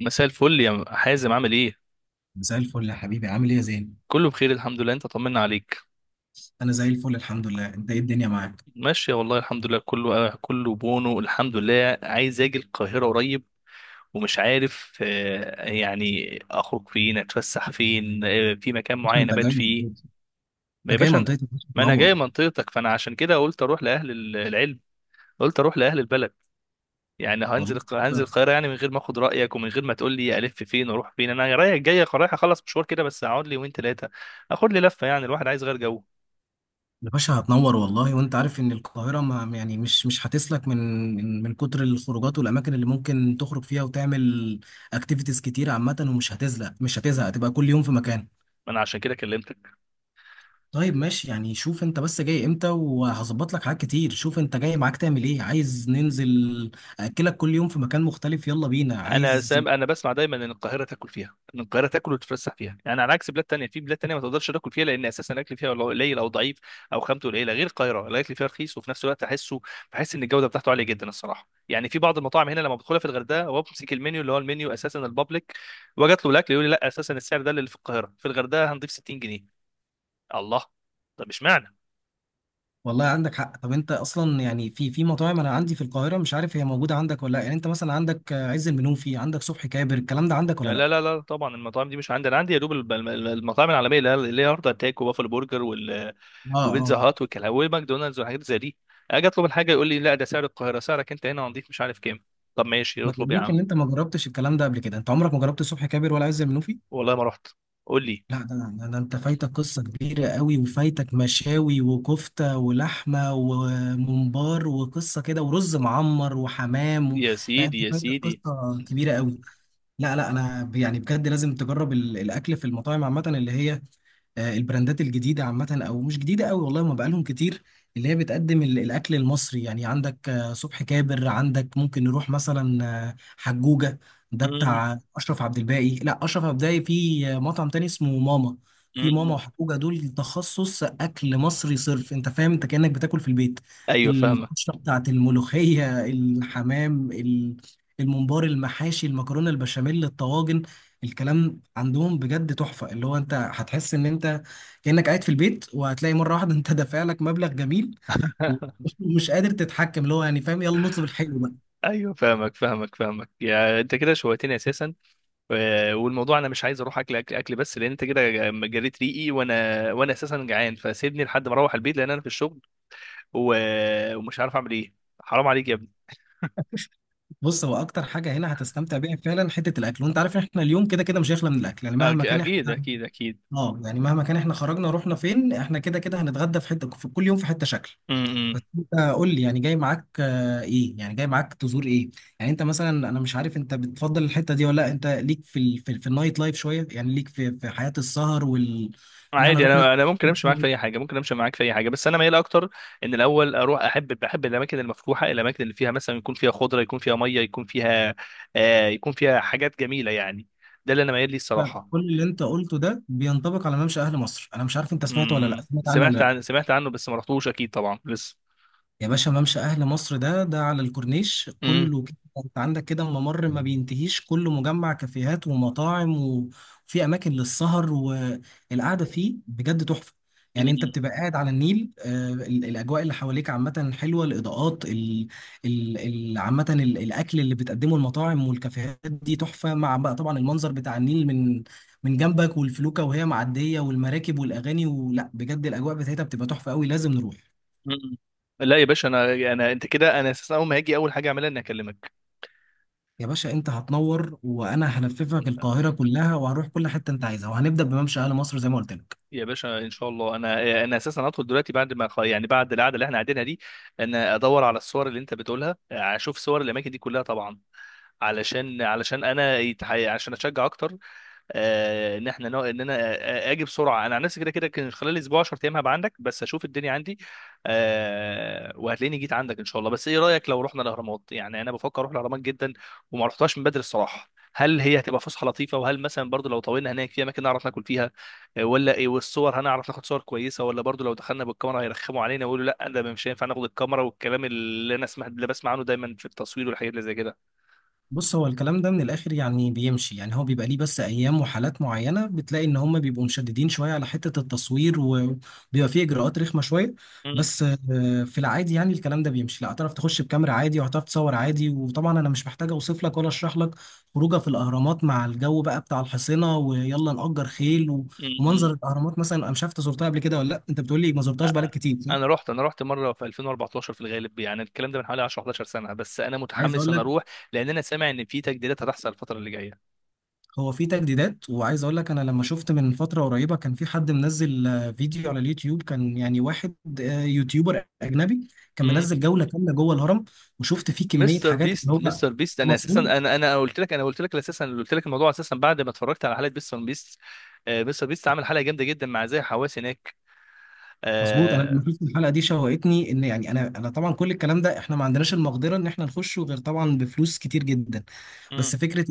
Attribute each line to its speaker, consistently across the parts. Speaker 1: مساء الفل يا حازم، عامل ايه؟
Speaker 2: مساء الفل يا حبيبي، عامل ايه يا زين؟
Speaker 1: كله بخير الحمد لله. انت طمنا عليك.
Speaker 2: انا زي الفل الحمد لله. انت ايه الدنيا معاك؟
Speaker 1: ماشية والله الحمد لله. كله بونو الحمد لله. عايز اجي القاهرة قريب ومش عارف، يعني اخرج فين، اتفسح فين، في مكان
Speaker 2: عشان
Speaker 1: معين
Speaker 2: انت جاي
Speaker 1: ابات فيه.
Speaker 2: منطقتي.
Speaker 1: ما يا
Speaker 2: انت جاي
Speaker 1: باشا
Speaker 2: منطقتي يا باشا،
Speaker 1: ما انا جاي
Speaker 2: تنور.
Speaker 1: منطقتك، فانا عشان كده قلت اروح لاهل العلم. قلت اروح لاهل البلد. يعني
Speaker 2: والله
Speaker 1: هنزل
Speaker 2: كده.
Speaker 1: القاهرة يعني من غير ما اخد رأيك ومن غير ما تقول لي الف فين واروح فين. انا رايح جاي، رايح اخلص مشوار كده بس، اقعد لي يومين ثلاثة، اخد لي لفة. يعني الواحد عايز غير جو.
Speaker 2: يا باشا هتنور والله، وانت عارف ان القاهرة ما يعني مش هتسلك من من كتر الخروجات والاماكن اللي ممكن تخرج فيها وتعمل اكتيفيتيز كتير عامة، ومش هتزهق، مش هتزهق، هتبقى كل يوم في مكان.
Speaker 1: انا عشان كده كلمتك.
Speaker 2: طيب ماشي، يعني شوف انت بس جاي امتى وهظبط لك حاجات كتير. شوف انت جاي معاك تعمل ايه، عايز ننزل اكلك كل يوم في مكان مختلف، يلا بينا.
Speaker 1: انا
Speaker 2: عايز؟
Speaker 1: سام انا بسمع دايما ان القاهره تاكل فيها، ان القاهره تاكل وتتفسح فيها. يعني على عكس بلاد تانية، في بلاد تانية ما تقدرش تاكل فيها لان اساسا الاكل فيها والله قليل او ضعيف، او خامته قليله. غير القاهره الاكل فيها رخيص، وفي نفس الوقت بحس ان الجوده بتاعته عاليه جدا الصراحه. يعني في بعض المطاعم هنا لما بدخلها في الغردقه وبمسك المنيو، اللي هو المنيو اساسا البابليك، واجت له الاكل، يقول لي لا، اساسا السعر ده اللي في القاهره، في الغردقه هنضيف 60 جنيه. الله. طب اشمعنى؟
Speaker 2: والله عندك حق. طب انت اصلا يعني في مطاعم انا عندي في القاهره، مش عارف هي موجوده عندك ولا لا. يعني انت مثلا عندك عز المنوفي، عندك صبحي كابر، الكلام ده عندك ولا
Speaker 1: لا
Speaker 2: لا؟
Speaker 1: لا لا لا، طبعا المطاعم دي مش عندي. انا عندي يا دوب المطاعم العالميه، اللي هي هارد اتاك، وبافل برجر،
Speaker 2: اه
Speaker 1: وبيتزا
Speaker 2: اه.
Speaker 1: هات والكلام، وماكدونالدز، وحاجات زي دي. اجي اطلب الحاجه، يقول لي لا، ده سعر القاهره، سعرك انت هنا هنضيف مش عارف كام. طب ماشي
Speaker 2: ما
Speaker 1: اطلب يا
Speaker 2: تقوليش ان
Speaker 1: عم.
Speaker 2: انت ما جربتش الكلام ده قبل كده، انت عمرك ما جربت صبحي كابر ولا عز المنوفي؟
Speaker 1: والله ما رحت. قول لي.
Speaker 2: لا، ده انت فايتك قصه كبيره قوي، وفايتك مشاوي وكفته ولحمه وممبار وقصه كده ورز معمر وحمام. و...
Speaker 1: يا
Speaker 2: لا، انت
Speaker 1: سيدي يا
Speaker 2: فايتك
Speaker 1: سيدي.
Speaker 2: قصه كبيره قوي. لا لا، انا يعني بجد لازم تجرب الاكل في المطاعم عامه، اللي هي البراندات الجديده عامه، او مش جديده قوي والله، ما بقالهم كتير، اللي هي بتقدم الاكل المصري. يعني عندك صبحي كابر، عندك ممكن نروح مثلا حجوجه. ده
Speaker 1: مم،
Speaker 2: بتاع اشرف عبد الباقي، لا اشرف عبد الباقي في مطعم تاني اسمه ماما.
Speaker 1: مم،
Speaker 2: في ماما
Speaker 1: مم.
Speaker 2: وحجوجه، دول تخصص اكل مصري صرف. انت فاهم؟ انت كانك بتاكل في البيت،
Speaker 1: ايوه فاهمك.
Speaker 2: القشره بتاعت الملوخيه، الحمام، الممبار، المحاشي، المكرونه، البشاميل، الطواجن. الكلام عندهم بجد تحفة، اللي هو انت هتحس ان انت كأنك قاعد في البيت. وهتلاقي مرة واحدة انت دافع لك مبلغ جميل، و- ومش قادر تتحكم، اللي هو يعني فاهم، يلا نطلب الحلو بقى.
Speaker 1: ايوه فاهمك فاهمك فاهمك، يا انت كده شويتني اساسا. والموضوع انا مش عايز اروح اكل اكل اكل بس، لان انت كده جريت ريقي، وانا اساسا جعان. فسيبني لحد ما اروح البيت لان انا في الشغل و... ومش عارف اعمل ايه. حرام عليك يا ابني.
Speaker 2: بص، هو اكتر حاجة هنا هتستمتع بيها فعلا حتة الاكل، وانت عارف ان احنا اليوم كده كده مش هيخلى من الاكل، يعني مهما كان
Speaker 1: اكيد
Speaker 2: احنا.
Speaker 1: اكيد اكيد.
Speaker 2: اه، يعني مهما كان احنا خرجنا رحنا فين، احنا كده كده هنتغدى في حتة، في كل يوم في حتة شكل.
Speaker 1: م-
Speaker 2: بس
Speaker 1: م.
Speaker 2: انت قول لي، يعني جاي معاك ايه؟ يعني جاي معاك تزور ايه؟ يعني انت مثلا، انا مش عارف انت بتفضل الحته دي ولا لا، انت ليك في في النايت لايف شويه؟ يعني ليك في حياه السهر، وان احنا
Speaker 1: عادي،
Speaker 2: نروح.
Speaker 1: انا ممكن امشي معاك في اي حاجه، ممكن امشي معاك في اي حاجه، بس انا ميال اكتر ان الاول اروح، بحب الاماكن المفتوحه، الاماكن اللي فيها مثلا يكون فيها خضره، يكون فيها ميه، يكون فيها، يكون فيها حاجات جميله يعني. ده اللي انا ميال ليه الصراحه.
Speaker 2: كل اللي انت قلته ده بينطبق على ممشى اهل مصر. انا مش عارف انت سمعت ولا لا، سمعت عنه ولا
Speaker 1: سمعت
Speaker 2: لا؟
Speaker 1: سمعت عنه، بس ما رحتوش اكيد طبعا لسه.
Speaker 2: يا باشا ممشى أهل مصر ده، على الكورنيش
Speaker 1: امم.
Speaker 2: كله كده. أنت عندك كده ممر ما بينتهيش، كله مجمع كافيهات ومطاعم، وفي أماكن للسهر والقعدة، فيه بجد تحفة. يعني أنت
Speaker 1: امم.
Speaker 2: بتبقى قاعد على النيل، الأجواء اللي حواليك عامة حلوة، الإضاءات عامة، الأكل اللي بتقدمه المطاعم والكافيهات دي تحفة، مع بقى طبعا المنظر بتاع النيل من جنبك، والفلوكة وهي معدية والمراكب والأغاني، ولا بجد الأجواء بتاعتها بتبقى تحفة قوي، لازم نروح.
Speaker 1: أمم. لا يا باشا، انا، انت كده، انا اساسا اول ما هاجي اول حاجه اعملها اني اكلمك.
Speaker 2: يا باشا انت هتنور، وانا هلففك القاهره كلها، وهنروح كل حته انت عايزها، وهنبدا بممشى اهل مصر زي ما قلت لك.
Speaker 1: يا باشا ان شاء الله، انا اساسا هدخل دلوقتي بعد ما بعد القعده اللي احنا قاعدينها دي. انا ادور على الصور اللي انت بتقولها، اشوف صور الاماكن دي كلها طبعا، علشان انا عشان اشجع اكتر، آه، ان احنا نو... ان انا آه، آه، اجي بسرعه. انا عن نفسي كده كده كان خلال اسبوع 10 ايام هبقى عندك، بس اشوف الدنيا عندي. وهتلاقيني جيت عندك ان شاء الله. بس ايه رايك لو رحنا الاهرامات؟ يعني انا بفكر اروح الاهرامات جدا، وما رحتهاش من بدري الصراحه. هل هي هتبقى فسحه لطيفه؟ وهل مثلا برضو لو طولنا هناك في اماكن نعرف ناكل فيها؟ ولا ايه؟ والصور هنعرف ناخد صور كويسه؟ ولا برضو لو دخلنا بالكاميرا هيرخموا علينا ويقولوا لا ده مش هينفع ناخد الكاميرا، والكلام اللي انا سمعت اللي بسمع عنه دايما في التصوير والحاجات اللي زي كده.
Speaker 2: بص، هو الكلام ده من الاخر يعني بيمشي. يعني هو بيبقى ليه بس ايام وحالات معينه، بتلاقي ان هم بيبقوا مشددين شويه على حته التصوير، وبيبقى فيه اجراءات رخمه شويه.
Speaker 1: مم،
Speaker 2: بس في العادي يعني الكلام ده بيمشي. لا، هتعرف تخش بكاميرا عادي، وهتعرف تصور عادي. وطبعا انا مش محتاج اوصف لك ولا اشرح لك خروجه في الاهرامات، مع الجو بقى بتاع الحصينه، ويلا نأجر خيل،
Speaker 1: مم،
Speaker 2: ومنظر الاهرامات. مثلا انا مش عارف انت زرتها قبل كده ولا لا، انت بتقول لي ما زرتهاش بقالك كتير صح؟
Speaker 1: انا رحت مره في 2014 في الغالب. يعني الكلام ده من حوالي 10 11 سنه، بس انا
Speaker 2: عايز
Speaker 1: متحمس
Speaker 2: اقول
Speaker 1: ان
Speaker 2: لك،
Speaker 1: اروح، لان انا سامع ان في تجديدات هتحصل الفتره اللي جايه.
Speaker 2: هو في تجديدات، وعايز اقول لك انا لما شفت من فتره قريبه كان في حد منزل فيديو على اليوتيوب، كان يعني واحد يوتيوبر اجنبي كان
Speaker 1: امم.
Speaker 2: منزل جوله كامله جوه الهرم، وشفت فيه كميه حاجات اللي هو
Speaker 1: مستر بيست، انا اساسا،
Speaker 2: مظبوط.
Speaker 1: انا قلت لك، انا قلت لك اساسا قلت لك الموضوع اساسا بعد ما اتفرجت على حلقه مستر بيست. آه. مستر بيست عامل حلقه جامده جدا مع زي حواس هناك.
Speaker 2: مظبوط، انا لما
Speaker 1: آه.
Speaker 2: شفت الحلقه دي شوقتني، ان يعني انا طبعا كل الكلام ده احنا ما عندناش المقدره ان احنا نخشه غير طبعا بفلوس كتير جدا. بس
Speaker 1: امم.
Speaker 2: فكره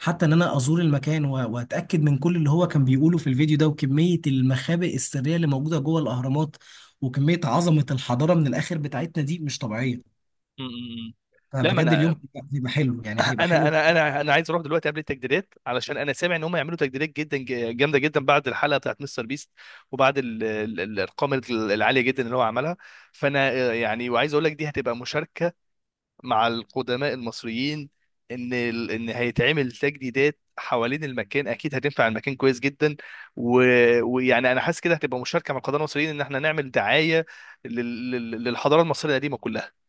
Speaker 2: حتى ان انا ازور المكان، واتاكد من كل اللي هو كان بيقوله في الفيديو ده، وكميه المخابئ السريه اللي موجوده جوه الاهرامات، وكميه عظمه الحضاره من الاخر بتاعتنا دي مش طبيعيه.
Speaker 1: أمم، أمم. لا ما
Speaker 2: فبجد اليوم هيبقى، حلو، يعني هيبقى حلو.
Speaker 1: انا عايز اروح دلوقتي قبل التجديدات، علشان انا سامع ان هم يعملوا تجديدات جدا جامده جدا بعد الحلقه بتاعت مستر بيست، وبعد الارقام العاليه جدا اللي هو عملها. فانا، وعايز اقول لك دي هتبقى مشاركه مع القدماء المصريين. ان هيتعمل تجديدات حوالين المكان اكيد هتنفع المكان كويس جدا. و... ويعني انا حاسس كده هتبقى مشاركه مع القدماء المصريين ان احنا نعمل دعايه للحضاره المصريه القديمه كلها.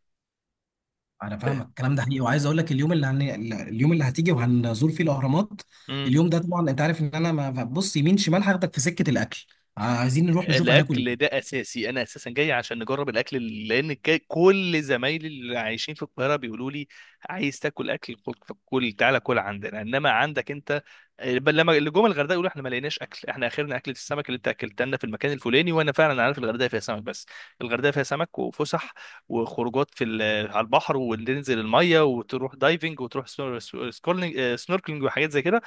Speaker 2: انا فاهمك، الكلام ده حقيقي. وعايز اقول لك، اليوم اللي هتيجي وهنزور فيه الاهرامات،
Speaker 1: فاهم.
Speaker 2: اليوم ده طبعا انت عارف ان انا ما ببص يمين شمال، هاخدك في سكه الاكل. عايزين نروح نشوف هناكل
Speaker 1: الاكل ده
Speaker 2: ايه.
Speaker 1: اساسي. انا اساسا جاي عشان نجرب الاكل، لان كل زمايلي اللي عايشين في القاهره بيقولوا لي: عايز تاكل اكل، كل، تعالى كل عندنا. انما عندك انت، بل لما اللي جم الغردقه يقولوا احنا ما لقيناش اكل، احنا اخرنا اكله السمك اللي انت اكلتها لنا في المكان الفلاني. وانا فعلا عارف الغردقه فيها سمك بس. الغردقه فيها سمك، وفسح، وخروجات على البحر، وننزل الميه، وتروح دايفنج، وتروح سنوركلينج وحاجات زي كده.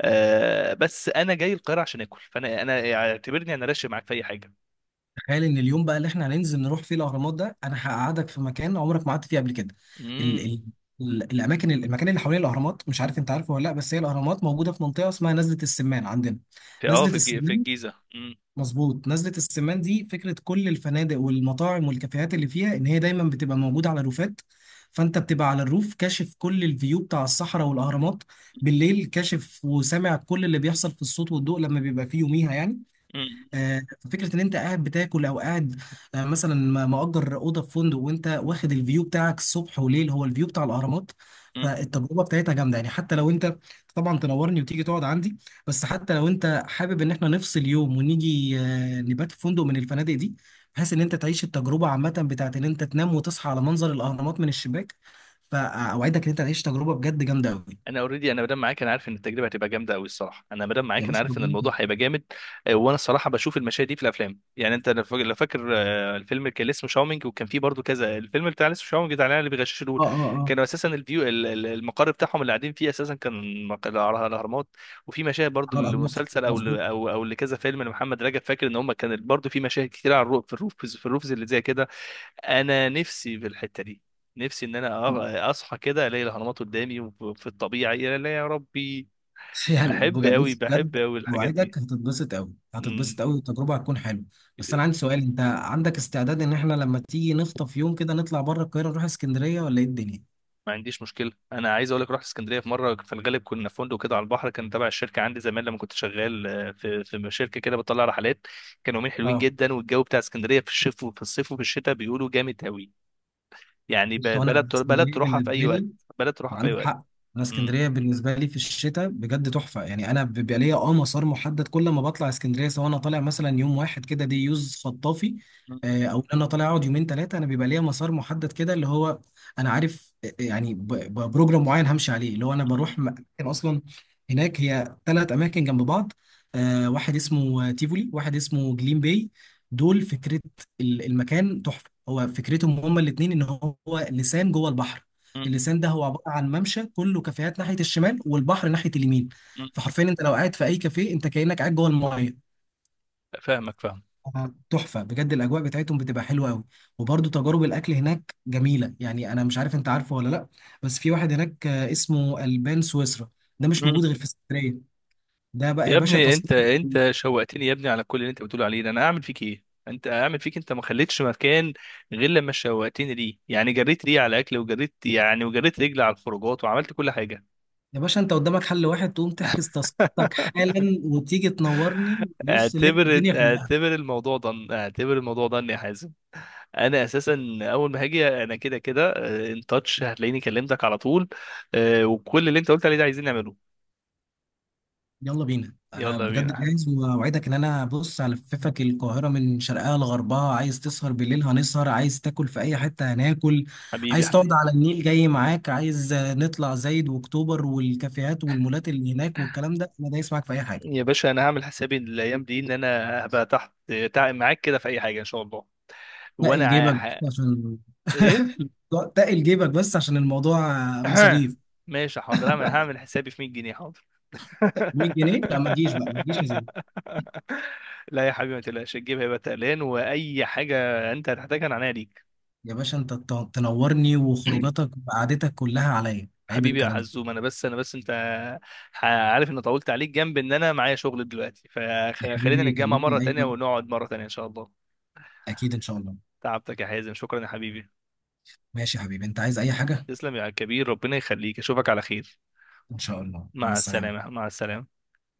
Speaker 1: آه، بس انا جاي القاهره عشان اكل. فانا، انا اعتبرني انا راشق معاك في اي حاجه.
Speaker 2: تخيل ان اليوم بقى اللي احنا هننزل نروح فيه الاهرامات ده، انا هقعدك في مكان عمرك ما قعدت فيه قبل كده. ال... ال...
Speaker 1: امم.
Speaker 2: ال- الاماكن المكان اللي حوالين الاهرامات، مش عارف انت عارفه ولا لا، بس هي الاهرامات موجوده في منطقه اسمها نزله السمان عندنا.
Speaker 1: في، اه في
Speaker 2: نزله
Speaker 1: الج... في
Speaker 2: السمان،
Speaker 1: الجيزه.
Speaker 2: مظبوط. نزلة السمان دي فكرة كل الفنادق والمطاعم والكافيهات اللي فيها، إن هي دايما بتبقى موجودة على الروفات، فأنت بتبقى على الروف كاشف كل الفيو بتاع الصحراء والأهرامات. بالليل كاشف وسامع كل اللي بيحصل في الصوت والضوء لما بيبقى فيه يوميها، يعني آه، فكرة إن أنت قاعد بتاكل، أو قاعد مثلا مأجر أوضة في فندق، وأنت واخد الفيو بتاعك الصبح وليل هو الفيو بتاع الأهرامات.
Speaker 1: امم.
Speaker 2: فالتجربة بتاعتها جامدة، يعني حتى لو أنت، طبعا تنورني وتيجي تقعد عندي، بس حتى لو أنت حابب إن إحنا نفصل يوم ونيجي نبات في فندق من الفنادق دي، بحيث إن أنت تعيش التجربة عامة بتاعت إن أنت تنام وتصحى على منظر الأهرامات من الشباك. فأوعدك إن أنت تعيش تجربة بجد جامدة أوي.
Speaker 1: انا اوريدي، انا مدام معاك انا عارف ان التجربه هتبقى جامده قوي الصراحه. انا مدام
Speaker 2: يا
Speaker 1: معاك انا
Speaker 2: باشا
Speaker 1: عارف ان
Speaker 2: ربنا
Speaker 1: الموضوع
Speaker 2: يكرمك.
Speaker 1: هيبقى جامد. وانا الصراحه بشوف المشاهد دي في الافلام. يعني انت لو فاكر، الفيلم اللي كان اسمه شاومينج، وكان فيه برضو كذا الفيلم بتاع لسه شاومينج، بتاع العيال اللي بيغششوا دول.
Speaker 2: آه آه آه،
Speaker 1: كانوا اساسا الفيو، المقر بتاعهم اللي قاعدين فيه، اساسا كان الاهرامات. وفي مشاهد برضو
Speaker 2: على الأهرامات،
Speaker 1: لمسلسل، او
Speaker 2: مظبوط.
Speaker 1: لكذا فيلم لمحمد رجب. فاكر ان هم كان برضو في مشاهد كتير على الروف، في الروف اللي زي كده. انا نفسي في الحته دي. نفسي ان انا اصحى كده الاقي الاهرامات قدامي وفي الطبيعه، يا لا يا ربي.
Speaker 2: يعني
Speaker 1: بحب قوي،
Speaker 2: بص
Speaker 1: بحب
Speaker 2: بجد،
Speaker 1: قوي الحاجات دي.
Speaker 2: موعدك هتتبسط قوي،
Speaker 1: مم.
Speaker 2: هتتبسط قوي، والتجربه هتكون حلوه. بس انا عندي سؤال، انت عندك استعداد ان احنا لما تيجي نخطف يوم كده نطلع بره القاهره، نروح اسكندريه ولا ايه الدنيا؟
Speaker 1: ما عنديش مشكله. انا عايز اقول لك، رحت اسكندريه في مره، في الغالب كنا في فندق كده على البحر، كان تبع الشركه عندي زمان لما كنت شغال، في شركه كده بتطلع رحلات. كانوا يومين حلوين
Speaker 2: اه،
Speaker 1: جدا. والجو بتاع اسكندريه في الشتاء، وفي الصيف، وفي الشتاء بيقولوا جامد قوي. يعني
Speaker 2: بص، هو انا
Speaker 1: بلد
Speaker 2: اسكندريه
Speaker 1: تروحها في اي
Speaker 2: بالنسبه
Speaker 1: وقت.
Speaker 2: لي،
Speaker 1: بلد تروحها في اي
Speaker 2: عندك
Speaker 1: وقت.
Speaker 2: حق. انا
Speaker 1: مم.
Speaker 2: اسكندريه بالنسبه لي في الشتاء بجد تحفه. يعني انا بيبقى ليا مسار محدد، كل ما بطلع اسكندريه، سواء انا طالع مثلا يوم واحد كده دي يوز خطافي،
Speaker 1: مم.
Speaker 2: او إن انا طالع اقعد يومين ثلاثه، انا بيبقى ليا مسار محدد كده، اللي هو انا عارف يعني بروجرام معين همشي عليه، اللي هو انا بروح
Speaker 1: مم.
Speaker 2: أماكن اصلا هناك. هي ثلاث اماكن جنب بعض، واحد اسمه تيفولي، واحد اسمه جليم باي، دول فكره المكان تحفه. هو فكرتهم هما الاثنين ان هو لسان جوه البحر.
Speaker 1: مم.
Speaker 2: اللسان ده هو عباره عن ممشى كله كافيهات ناحيه الشمال والبحر ناحيه اليمين.
Speaker 1: مم.
Speaker 2: فحرفيا انت لو قاعد في اي كافيه انت كانك قاعد جوه المايه.
Speaker 1: فاهمك، فاهم.
Speaker 2: تحفه بجد، الاجواء بتاعتهم بتبقى حلوه قوي. وبرده تجارب الاكل هناك جميله. يعني انا مش عارف انت عارفه ولا لا، بس في واحد هناك اسمه البان سويسرا، ده مش موجود غير في اسكندريه. ده بقى يا
Speaker 1: يا
Speaker 2: باشا
Speaker 1: ابني، انت،
Speaker 2: تذكرتك.
Speaker 1: شوقتني يا ابني على كل اللي انت بتقول عليه ده. انا اعمل فيك ايه، انت اعمل فيك، انت ما خليتش مكان غير لما شوقتني ليه. يعني جريت ليه على الاكل، وجريت، يعني، وجريت رجلي على الخروجات، وعملت كل حاجه.
Speaker 2: يا باشا انت قدامك حل واحد، تقوم تحجز تذكرتك حالا وتيجي تنورني. بص نلف الدنيا كلها.
Speaker 1: اعتبر الموضوع ده، اعتبر الموضوع ده يا حازم. انا اساسا اول ما هاجي انا كده كده ان تاتش هتلاقيني كلمتك على طول. وكل اللي انت قلت عليه ده عايزين نعمله.
Speaker 2: يلا بينا، انا
Speaker 1: يلا بينا يا
Speaker 2: بجد
Speaker 1: حبيبي.
Speaker 2: جاهز، واوعدك ان انا، بص هلففك القاهره من شرقها لغربها. عايز تسهر بالليل هنسهر، عايز تاكل في اي حته هناكل،
Speaker 1: حبيبي،
Speaker 2: عايز تقعد
Speaker 1: حبيبي.
Speaker 2: على النيل جاي معاك، عايز نطلع زايد واكتوبر والكافيهات والمولات اللي هناك والكلام ده انا دايس معاك في اي حاجه.
Speaker 1: يا باشا، انا هعمل حسابي الايام دي ان انا هبقى تحت، معاك كده في اي حاجه ان شاء الله. وانا
Speaker 2: تقل جيبك
Speaker 1: ع-
Speaker 2: بس عشان
Speaker 1: ايه؟
Speaker 2: تقل جيبك بس عشان الموضوع مصاريف.
Speaker 1: ماشي حاضر. انا هعمل حسابي في 100 جنيه حاضر.
Speaker 2: 100 جنيه؟ لا ما تجيش بقى، ما تجيش يا زين.
Speaker 1: لا يا حبيبي، ما تقلقش، الجيب هيبقى تقلان. واي حاجه انت هتحتاجها انا عينيا ليك.
Speaker 2: يا باشا انت تنورني، وخروجاتك وقعدتك كلها عليا، عيب
Speaker 1: حبيبي يا
Speaker 2: الكلام ده.
Speaker 1: حزوم، انا بس انا بس انت عارف ان طولت عليك، جنب ان انا معايا شغل دلوقتي.
Speaker 2: يا
Speaker 1: فخلينا
Speaker 2: حبيبي
Speaker 1: نتجمع مره
Speaker 2: كلمني اي
Speaker 1: تانية،
Speaker 2: وقت.
Speaker 1: ونقعد مره تانية ان شاء الله.
Speaker 2: اكيد ان شاء الله.
Speaker 1: تعبتك يا حازم، شكرا يا حبيبي.
Speaker 2: ماشي يا حبيبي، انت عايز اي حاجة؟
Speaker 1: تسلم يا كبير، ربنا يخليك، اشوفك على خير.
Speaker 2: ان شاء الله، مع
Speaker 1: مع
Speaker 2: السلامة.
Speaker 1: السلامة. مع السلامة.